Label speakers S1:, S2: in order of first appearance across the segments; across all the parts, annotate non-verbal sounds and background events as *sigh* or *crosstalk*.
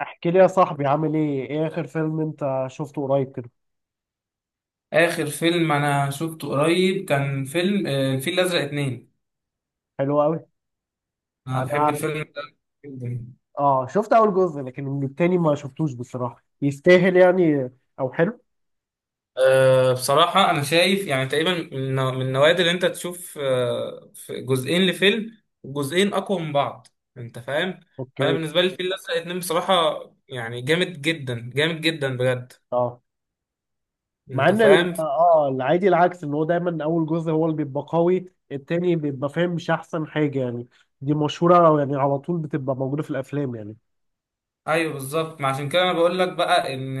S1: احكي لي يا صاحبي، عامل ايه اخر فيلم انت شفته قريب كده؟
S2: آخر فيلم أنا شفته قريب كان فيلم الفيل الأزرق اتنين.
S1: حلو قوي.
S2: أنا بحب
S1: انا،
S2: الفيلم ده جدا.
S1: اه شفت اول جزء، لكن التاني ما شفتوش بصراحة. يستاهل يعني او حلو؟
S2: بصراحة أنا شايف يعني تقريبا من النوادر اللي أنت تشوف في جزئين لفيلم. جزئين أقوى من بعض. أنت فاهم؟ فأنا
S1: اوكي.
S2: بالنسبة لي الفيل الأزرق اتنين بصراحة، يعني جامد جدا جامد جدا بجد.
S1: اه، مع
S2: أنت
S1: ان
S2: فاهم؟
S1: العادي العكس، ان هو دايما اول جزء هو اللي بيبقى قوي، التاني بيبقى فاهم مش احسن حاجة يعني. دي مشهورة أو يعني على طول بتبقى موجودة في الافلام يعني.
S2: ايوه بالظبط، ما عشان كده انا بقول لك بقى ان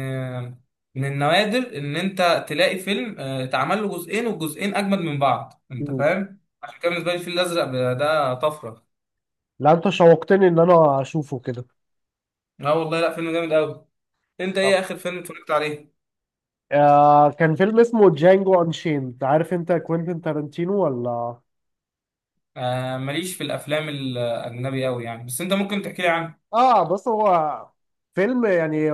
S2: من النوادر ان انت تلاقي فيلم اتعمل له جزئين والجزئين اجمد من بعض، انت
S1: مم.
S2: فاهم، عشان كده بالنسبه لي الفيل الازرق ده طفره.
S1: لا، انت شوقتني ان انا اشوفه كده.
S2: لا والله، لا فيلم جامد قوي. انت
S1: طب،
S2: ايه اخر فيلم اتفرجت عليه؟
S1: كان فيلم اسمه جانجو انشيند، عارف انت كوينتين تارانتينو ولا؟
S2: ماليش في الافلام الاجنبي قوي يعني، بس انت ممكن تحكي لي عنه.
S1: اه، بص، هو فيلم يعني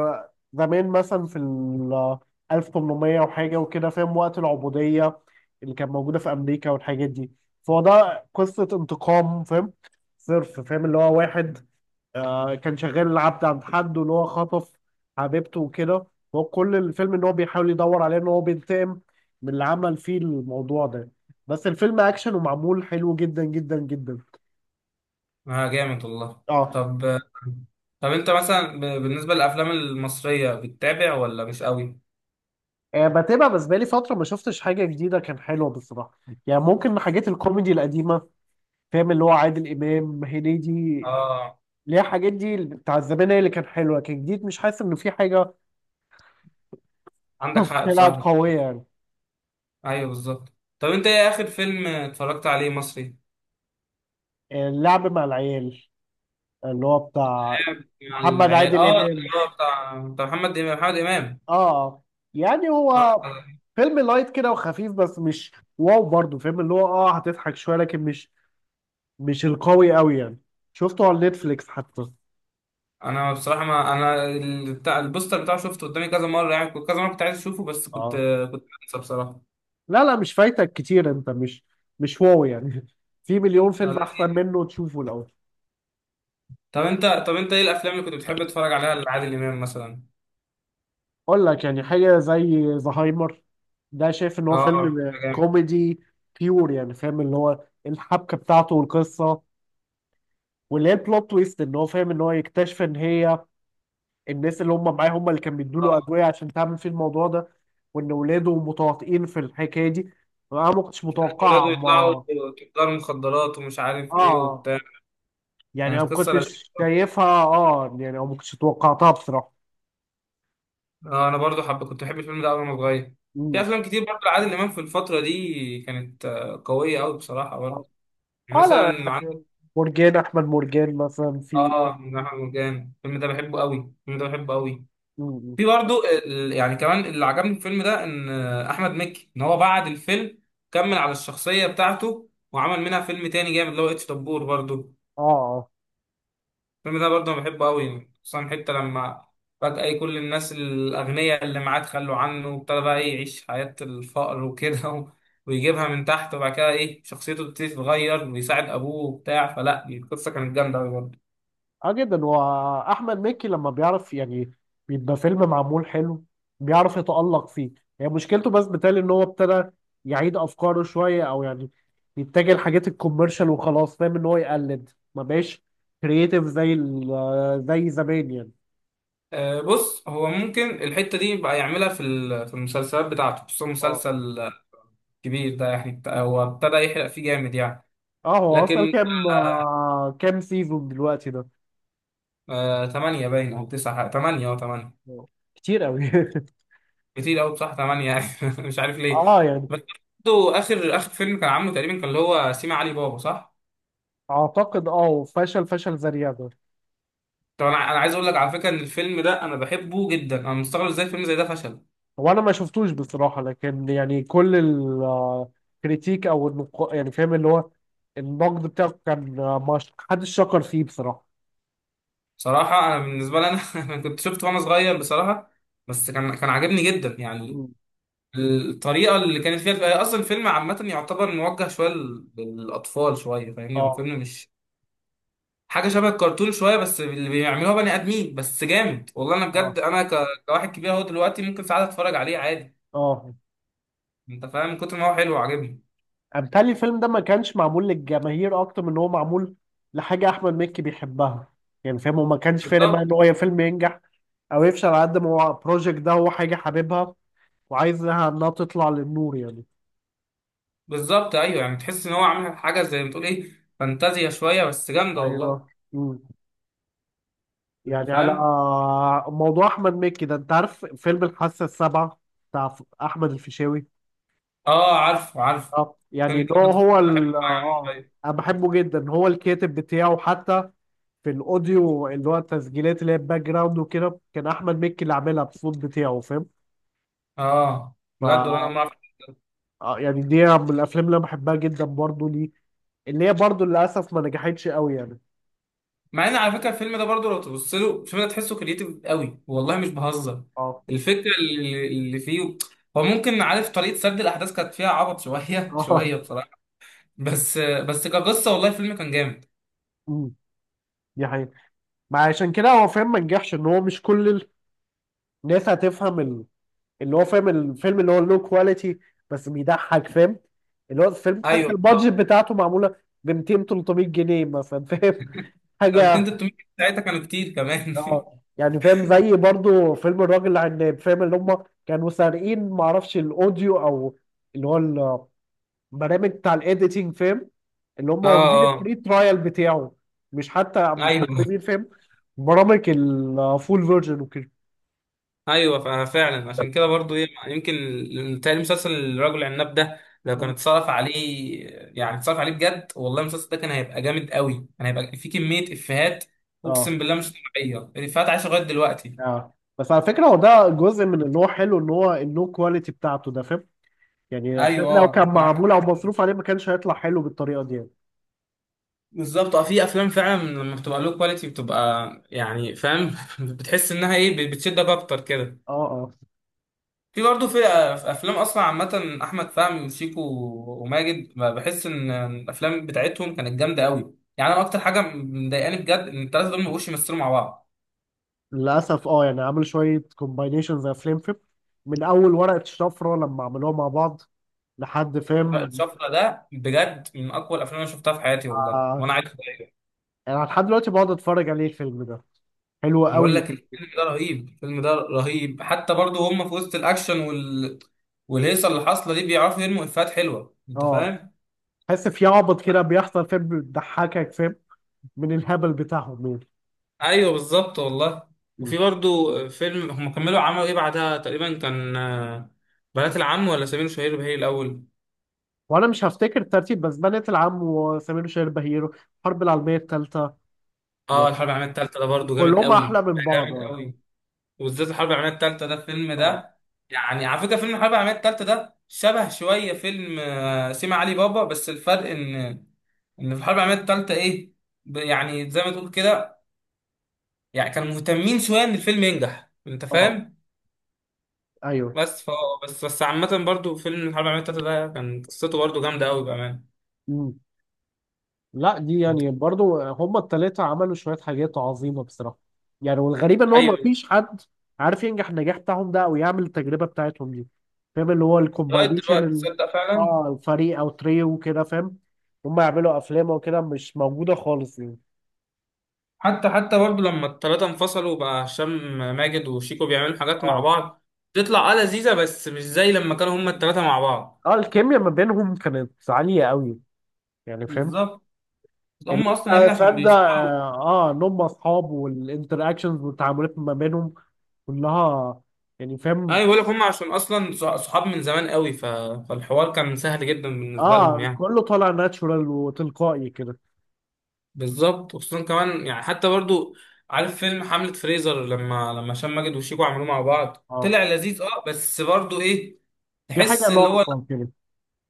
S1: زمان مثلا في ال 1800 وحاجه وكده، فاهم؟ وقت العبوديه اللي كانت موجوده في امريكا والحاجات دي. فهو ده قصه انتقام، فاهم؟ صرف، فاهم؟ اللي هو واحد كان شغال العبد عند حد، واللي هو خطف حبيبته وكده. هو كل الفيلم ان هو بيحاول يدور عليه، ان هو بينتقم من اللي عمل فيه الموضوع ده. بس الفيلم اكشن ومعمول حلو جدا جدا جدا.
S2: اه جامد والله.
S1: اه.
S2: طب طب انت مثلا بالنسبه للافلام المصريه بتتابع ولا مش قوي؟
S1: بتابع، بس بقالي فترة ما شفتش حاجة جديدة كان حلوة بصراحة. يعني ممكن حاجات الكوميدي القديمة، فاهم؟ اللي هو عادل إمام، هنيدي.
S2: اه
S1: اللي هي الحاجات دي بتاع زمان هي اللي كان حلوة، كان جديد، مش حاسس إن في حاجة.
S2: عندك
S1: *laughs*
S2: حق
S1: طلعت
S2: بصراحه.
S1: قوية يعني.
S2: ايوه بالظبط. طب انت ايه اخر فيلم اتفرجت عليه مصري؟
S1: اللعب مع العيال، اللي هو بتاع
S2: مع
S1: محمد
S2: العيال،
S1: عادل
S2: اه اه.
S1: إمام.
S2: بتاع محمد محمد امام.
S1: آه يعني هو
S2: اه،
S1: فيلم لايت كده وخفيف، بس مش واو برضه، فاهم؟ اللي هو هتضحك شوية، لكن مش القوي قوي يعني. شفته على نتفليكس حتى.
S2: انا بصراحه ما انا ال- بتاع البوستر بتاعه شفته قدامي كذا مره، يعني كنت كذا مره كنت عايز اشوفه، بس كنت،
S1: آه
S2: كنت بنسى بصراحه.
S1: لا، لا، مش فايتك كتير، انت مش واو يعني. *laughs* في مليون فيلم احسن
S2: لذيذ.
S1: منه تشوفه لو.
S2: طب انت ايه الافلام اللي كنت بتحب تتفرج عليها لعادل امام مثلا؟
S1: اقول لك يعني حاجه زي زهايمر، ده شايف ان هو
S2: اه
S1: فيلم
S2: ده جامد.
S1: كوميدي بيور، يعني فاهم؟ اللي هو الحبكه بتاعته والقصه، واللي هي البلوت تويست ان هو فاهم، ان هو يكتشف ان هي الناس اللي هم معاه هم اللي كانوا بيدوا له
S2: اه.
S1: ادويه عشان تعمل فيه الموضوع ده، وان ولاده متواطئين في الحكايه دي. انا ما كنتش
S2: ولاده
S1: متوقعها،
S2: يطلعوا
S1: ما
S2: تجار مخدرات ومش عارف ايه
S1: اه
S2: وبتاع.
S1: يعني انا ما
S2: كانت قصه
S1: كنتش
S2: لذيذه.
S1: شايفها. اه يعني انا ما كنتش توقعتها بصراحه.
S2: اه انا برضو كنت بحب الفيلم ده أوي وانا صغير. في
S1: مم.
S2: افلام كتير برضو لعادل امام في الفتره دي كانت قويه قوي بصراحه برضو. يعني
S1: اه، لا
S2: مثلا عندك.
S1: يعني مرجان احمد مرجان مثلا في...
S2: اه جناح مرجان، الفيلم ده بحبه قوي، الفيلم ده بحبه قوي.
S1: مم.
S2: في برضو يعني كمان اللي عجبني في الفيلم ده ان احمد مكي، ان هو بعد الفيلم كمل على الشخصيه بتاعته وعمل منها فيلم تاني جامد اللي هو اتش دبور برضو.
S1: اه، اه.
S2: الفيلم ده برضه أنا بحبه قوي، خصوصا حتة لما فجأة إيه كل الناس الأغنياء اللي معاه تخلوا عنه وابتدى بقى إيه يعيش حياة الفقر وكده *laughs* ويجيبها من تحت، وبعد كده إيه شخصيته بتبتدي تتغير ويساعد أبوه وبتاع، فلا دي القصة كانت جامدة أوي برضه.
S1: اه، جدا. واحمد مكي لما بيعرف يعني، بيبقى فيلم معمول حلو، بيعرف يتألق فيه. يعني مشكلته بس بتالي ان هو ابتدى يعيد افكاره شويه، او يعني يتجه لحاجات الكوميرشال وخلاص، فاهم؟ ان هو يقلد، ما بقاش كرييتيف زي زمان يعني.
S2: بص هو ممكن الحتة دي بقى يعملها في في المسلسلات بتاعته، خصوصا
S1: اه،
S2: مسلسل كبير ده يعني هو ابتدى يحرق فيه جامد يعني.
S1: اه. هو اصلا
S2: لكن
S1: كام، سيزون دلوقتي ده؟
S2: تمانية باين، أو تسعة تمانية، أو تمانية.
S1: آه. كتير قوي. *laughs*
S2: كتير قوي بصراحه 8 يعني *laughs* مش عارف ليه.
S1: اه، يعني
S2: بس برضه اخر فيلم كان عامله تقريبا كان اللي هو سيما علي بابا، صح؟
S1: اعتقد، اه. وفشل فشل ذريع ده.
S2: طب انا عايز اقول لك على فكره ان الفيلم ده انا بحبه جدا، انا مستغرب ازاي فيلم زي ده فشل.
S1: هو انا ما شفتوش بصراحه، لكن يعني كل الكريتيك او يعني فاهم؟ اللي هو النقد بتاعه كان، آه، ما ش- حدش شكر فيه بصراحه.
S2: بصراحه انا بالنسبه لي انا *laughs* انا كنت شفته وانا صغير بصراحه. بس كان عاجبني جدا يعني.
S1: مم.
S2: الطريقه اللي كانت فيها اصلا الفيلم عامه يعتبر موجه شويه للاطفال شويه، فاهمني هو
S1: اه،
S2: فيلم مش حاجه، شبه الكرتون شويه بس اللي بيعملوها بني ادمين، بس جامد والله انا
S1: اه،
S2: بجد انا كواحد كبير اهو دلوقتي ممكن ساعات اتفرج عليه عادي.
S1: اه.
S2: انت فاهم، من كتر ما هو حلو وعاجبني.
S1: امثال الفيلم ده ما كانش معمول للجماهير، اكتر من ان هو معمول لحاجه احمد مكي بيحبها، يعني فاهم؟ وما كانش فارق معاه
S2: بالظبط.
S1: ان هو يا فيلم ينجح او يفشل، على قد ما هو البروجكت ده هو حاجه حاببها وعايزها انها تطلع للنور يعني.
S2: بالظبط ايوه، يعني تحس ان هو عامل حاجه زي ما تقول ايه، فانتازيا شويه بس جامده والله.
S1: ايوه. مم.
S2: انت
S1: يعني على
S2: فاهم.
S1: موضوع احمد مكي ده، انت عارف فيلم الحاسه السابعه بتاع احمد الفيشاوي؟
S2: اه عارفه عارفه.
S1: اه، يعني
S2: فيلم كده
S1: اللي هو
S2: كنت
S1: هو
S2: بحب اتفرج عليه شوية.
S1: انا بحبه جدا، هو الكاتب بتاعه حتى. في الاوديو اللي هو التسجيلات اللي هي الباك جراوند وكده، كان احمد مكي اللي عاملها بالصوت بتاعه، فاهم؟
S2: اه
S1: ف
S2: بجد والله، انا ما...
S1: آه، يعني دي من الافلام اللي انا بحبها جدا برضه ليه، اللي هي برضه للاسف ما نجحتش قوي يعني.
S2: مع ان على فكره الفيلم ده برضه لو تبص له الفيلم ده تحسه كريتيف قوي، والله مش بهزر.
S1: اه.
S2: الفكره اللي فيه. هو ممكن عارف طريقه سرد الاحداث كانت فيها عبط شويه *laughs*
S1: *laughs* اه.
S2: شويه بصراحه. بس كقصه والله الفيلم كان جامد.
S1: أمم، دي حقيقة. ما عشان كده هو، فاهم؟ ما نجحش، ان هو مش كل الناس هتفهم اللي هو، فاهم الفيلم اللي هو لو كواليتي بس بيضحك، فاهم؟ اللي هو الفيلم تحس
S2: ايوه بالظبط.
S1: البادجت بتاعته معموله ب 200 300 جنيه مثلا، فاهم؟ *laughs*
S2: 200
S1: حاجه.
S2: 300 ساعتها كانوا كتير كمان.
S1: اه، يعني فاهم؟ زي برضو فيلم الراجل العناب، فاهم؟ اللي هم كانوا سارقين، معرفش الاوديو او اللي هو البرامج بتاع الايديتنج، فاهم؟ اللي هم
S2: *laughs* اه
S1: واخدين
S2: اه.
S1: الفري ترايل بتاعه، مش حتى
S2: ايوه *laughs*
S1: مستخدمين، فاهم؟ برامج الفول فيرجن وكده.
S2: ايوه فعلا عشان كده برضو ايه، يمكن تاني مسلسل الرجل العناب ده لو كان اتصرف عليه، يعني اتصرف عليه بجد والله، المسلسل ده كان هيبقى جامد قوي، كان هيبقى فيه كمية افيهات اقسم
S1: اه،
S2: بالله مش طبيعية، الافيهات عايشة لغاية دلوقتي.
S1: اه. بس على فكرة هو ده جزء من ان هو حلو، ان هو النو كواليتي بتاعته ده، فاهم؟ يعني الأبدان
S2: ايوه
S1: لو كان
S2: ممكن عندك
S1: معمول او
S2: حاجة.
S1: مصروف عليه، ما كانش هيطلع حلو بالطريقة دي يعني.
S2: بالظبط، اه في افلام فعلا لما بتبقى له كواليتي بتبقى يعني فاهم *laughs* بتحس انها ايه بتشدك اكتر كده.
S1: اه، اه.
S2: في في افلام اصلا عامه احمد فهمي وشيكو وماجد، ما بحس ان الافلام بتاعتهم كانت جامده قوي يعني، انا اكتر حاجه مضايقاني بجد ان الثلاثه دول ما بقوش يمثلوا مع بعض.
S1: للأسف، يعني عمل شوية كومباينيشنز يا فليم فيب، من أول ورقة شفرة لما عملوها مع بعض لحد، فاهم؟
S2: الشفرة ده بجد من اقوى الافلام اللي شفتها في حياتي والله،
S1: آه
S2: وانا عايز أغير.
S1: يعني لحد دلوقتي بقعد اتفرج عليه، الفيلم ده حلو
S2: بقول
S1: قوي.
S2: لك الفيلم ده رهيب، الفيلم ده رهيب، حتى برضه هم في وسط الاكشن والهيصه اللي حاصله دي بيعرفوا يرموا افيهات حلوه، انت
S1: اه.
S2: فاهم.
S1: تحس في عبط كده بيحصل، فاهم؟ بيضحكك، فاهم؟ من الهبل بتاعهم يعني.
S2: ايوه بالظبط والله. وفي برضو فيلم هم كملوا عملوا ايه بعدها، تقريبا كان بنات العم ولا سمير وشهير وبهير الاول.
S1: وانا مش هفتكر الترتيب، بس بنات العم وسمير وشهير بهيرو، الحرب العالميه الثالثه.
S2: اه
S1: يعني
S2: الحرب العالميه الثالثه ده برضو جامد
S1: كلهم
S2: قوي،
S1: احلى من
S2: ده
S1: بعض،
S2: جامد
S1: اه.
S2: قوي. وبالذات الحرب العالميه الثالثه ده الفيلم
S1: اه.
S2: ده. يعني على فكره فيلم الحرب العالميه الثالثه ده شبه شويه فيلم سيما علي بابا، بس الفرق ان في الحرب العالميه الثالثه ايه، يعني زي ما تقول كده، يعني كانوا مهتمين شويه ان الفيلم ينجح، انت
S1: آه،
S2: فاهم.
S1: ايوه.
S2: بس ف بس عامة برضو فيلم الحرب العالمية التالتة ده كان قصته برضو جامدة أوي بأمانة.
S1: مم. لا، دي يعني برضو هما الثلاثه عملوا شويه حاجات عظيمه بصراحه. يعني، والغريب ان هو ما
S2: أيوة.
S1: فيش حد عارف ينجح النجاح بتاعهم ده، او يعمل التجربه بتاعتهم دي، فاهم؟ اللي هو
S2: لغاية
S1: الكومباينيشن
S2: دلوقتي تصدق فعلا؟
S1: اه، الفريق او تريو وكده، فاهم؟ هما يعملوا افلام وكده مش موجوده خالص يعني.
S2: حتى برضو لما التلاتة انفصلوا بقى هشام ماجد وشيكو بيعملوا حاجات مع
S1: اه،
S2: بعض، تطلع آه لذيذة، بس مش زي لما كانوا هما التلاتة مع بعض.
S1: اه. الكيميا ما بينهم كانت عاليه قوي يعني، فاهم؟
S2: بالظبط. هما أصلا يا
S1: المتعة
S2: ابني عشان
S1: السادة،
S2: بيشتغلوا.
S1: اه. ان هم اصحاب، والانتراكشنز والتعاملات ما بينهم كلها يعني، فاهم؟
S2: أيوة بقول لك، هما عشان أصلا صحاب من زمان أوي، فالحوار كان سهل جدا بالنسبة لهم
S1: اه،
S2: يعني.
S1: كله طالع ناتشورال وتلقائي كده.
S2: بالظبط وخصوصا كمان يعني، حتى برضو عارف فيلم حملة فريزر، لما هشام ماجد وشيكو عملوه مع بعض
S1: اه،
S2: طلع لذيذ، اه بس برضو ايه
S1: في حاجة
S2: تحس اللي هو.
S1: ناقصة كده.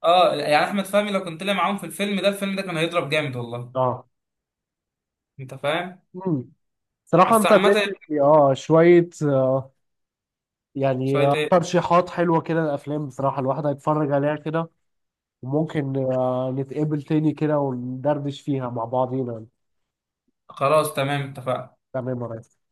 S2: اه يعني احمد فهمي لو كان طلع معاهم في الفيلم ده، الفيلم ده كان هيضرب جامد والله،
S1: اه،
S2: انت فاهم.
S1: امم. صراحة
S2: بس
S1: انت
S2: عامة يعني،
S1: اديتني شوية يعني
S2: شوية ايه،
S1: ترشيحات حلوة كده الافلام، بصراحة الواحد هيتفرج عليها كده، وممكن نتقابل تاني كده وندردش فيها مع بعضينا.
S2: خلاص تمام اتفقنا.
S1: تمام يا ريس.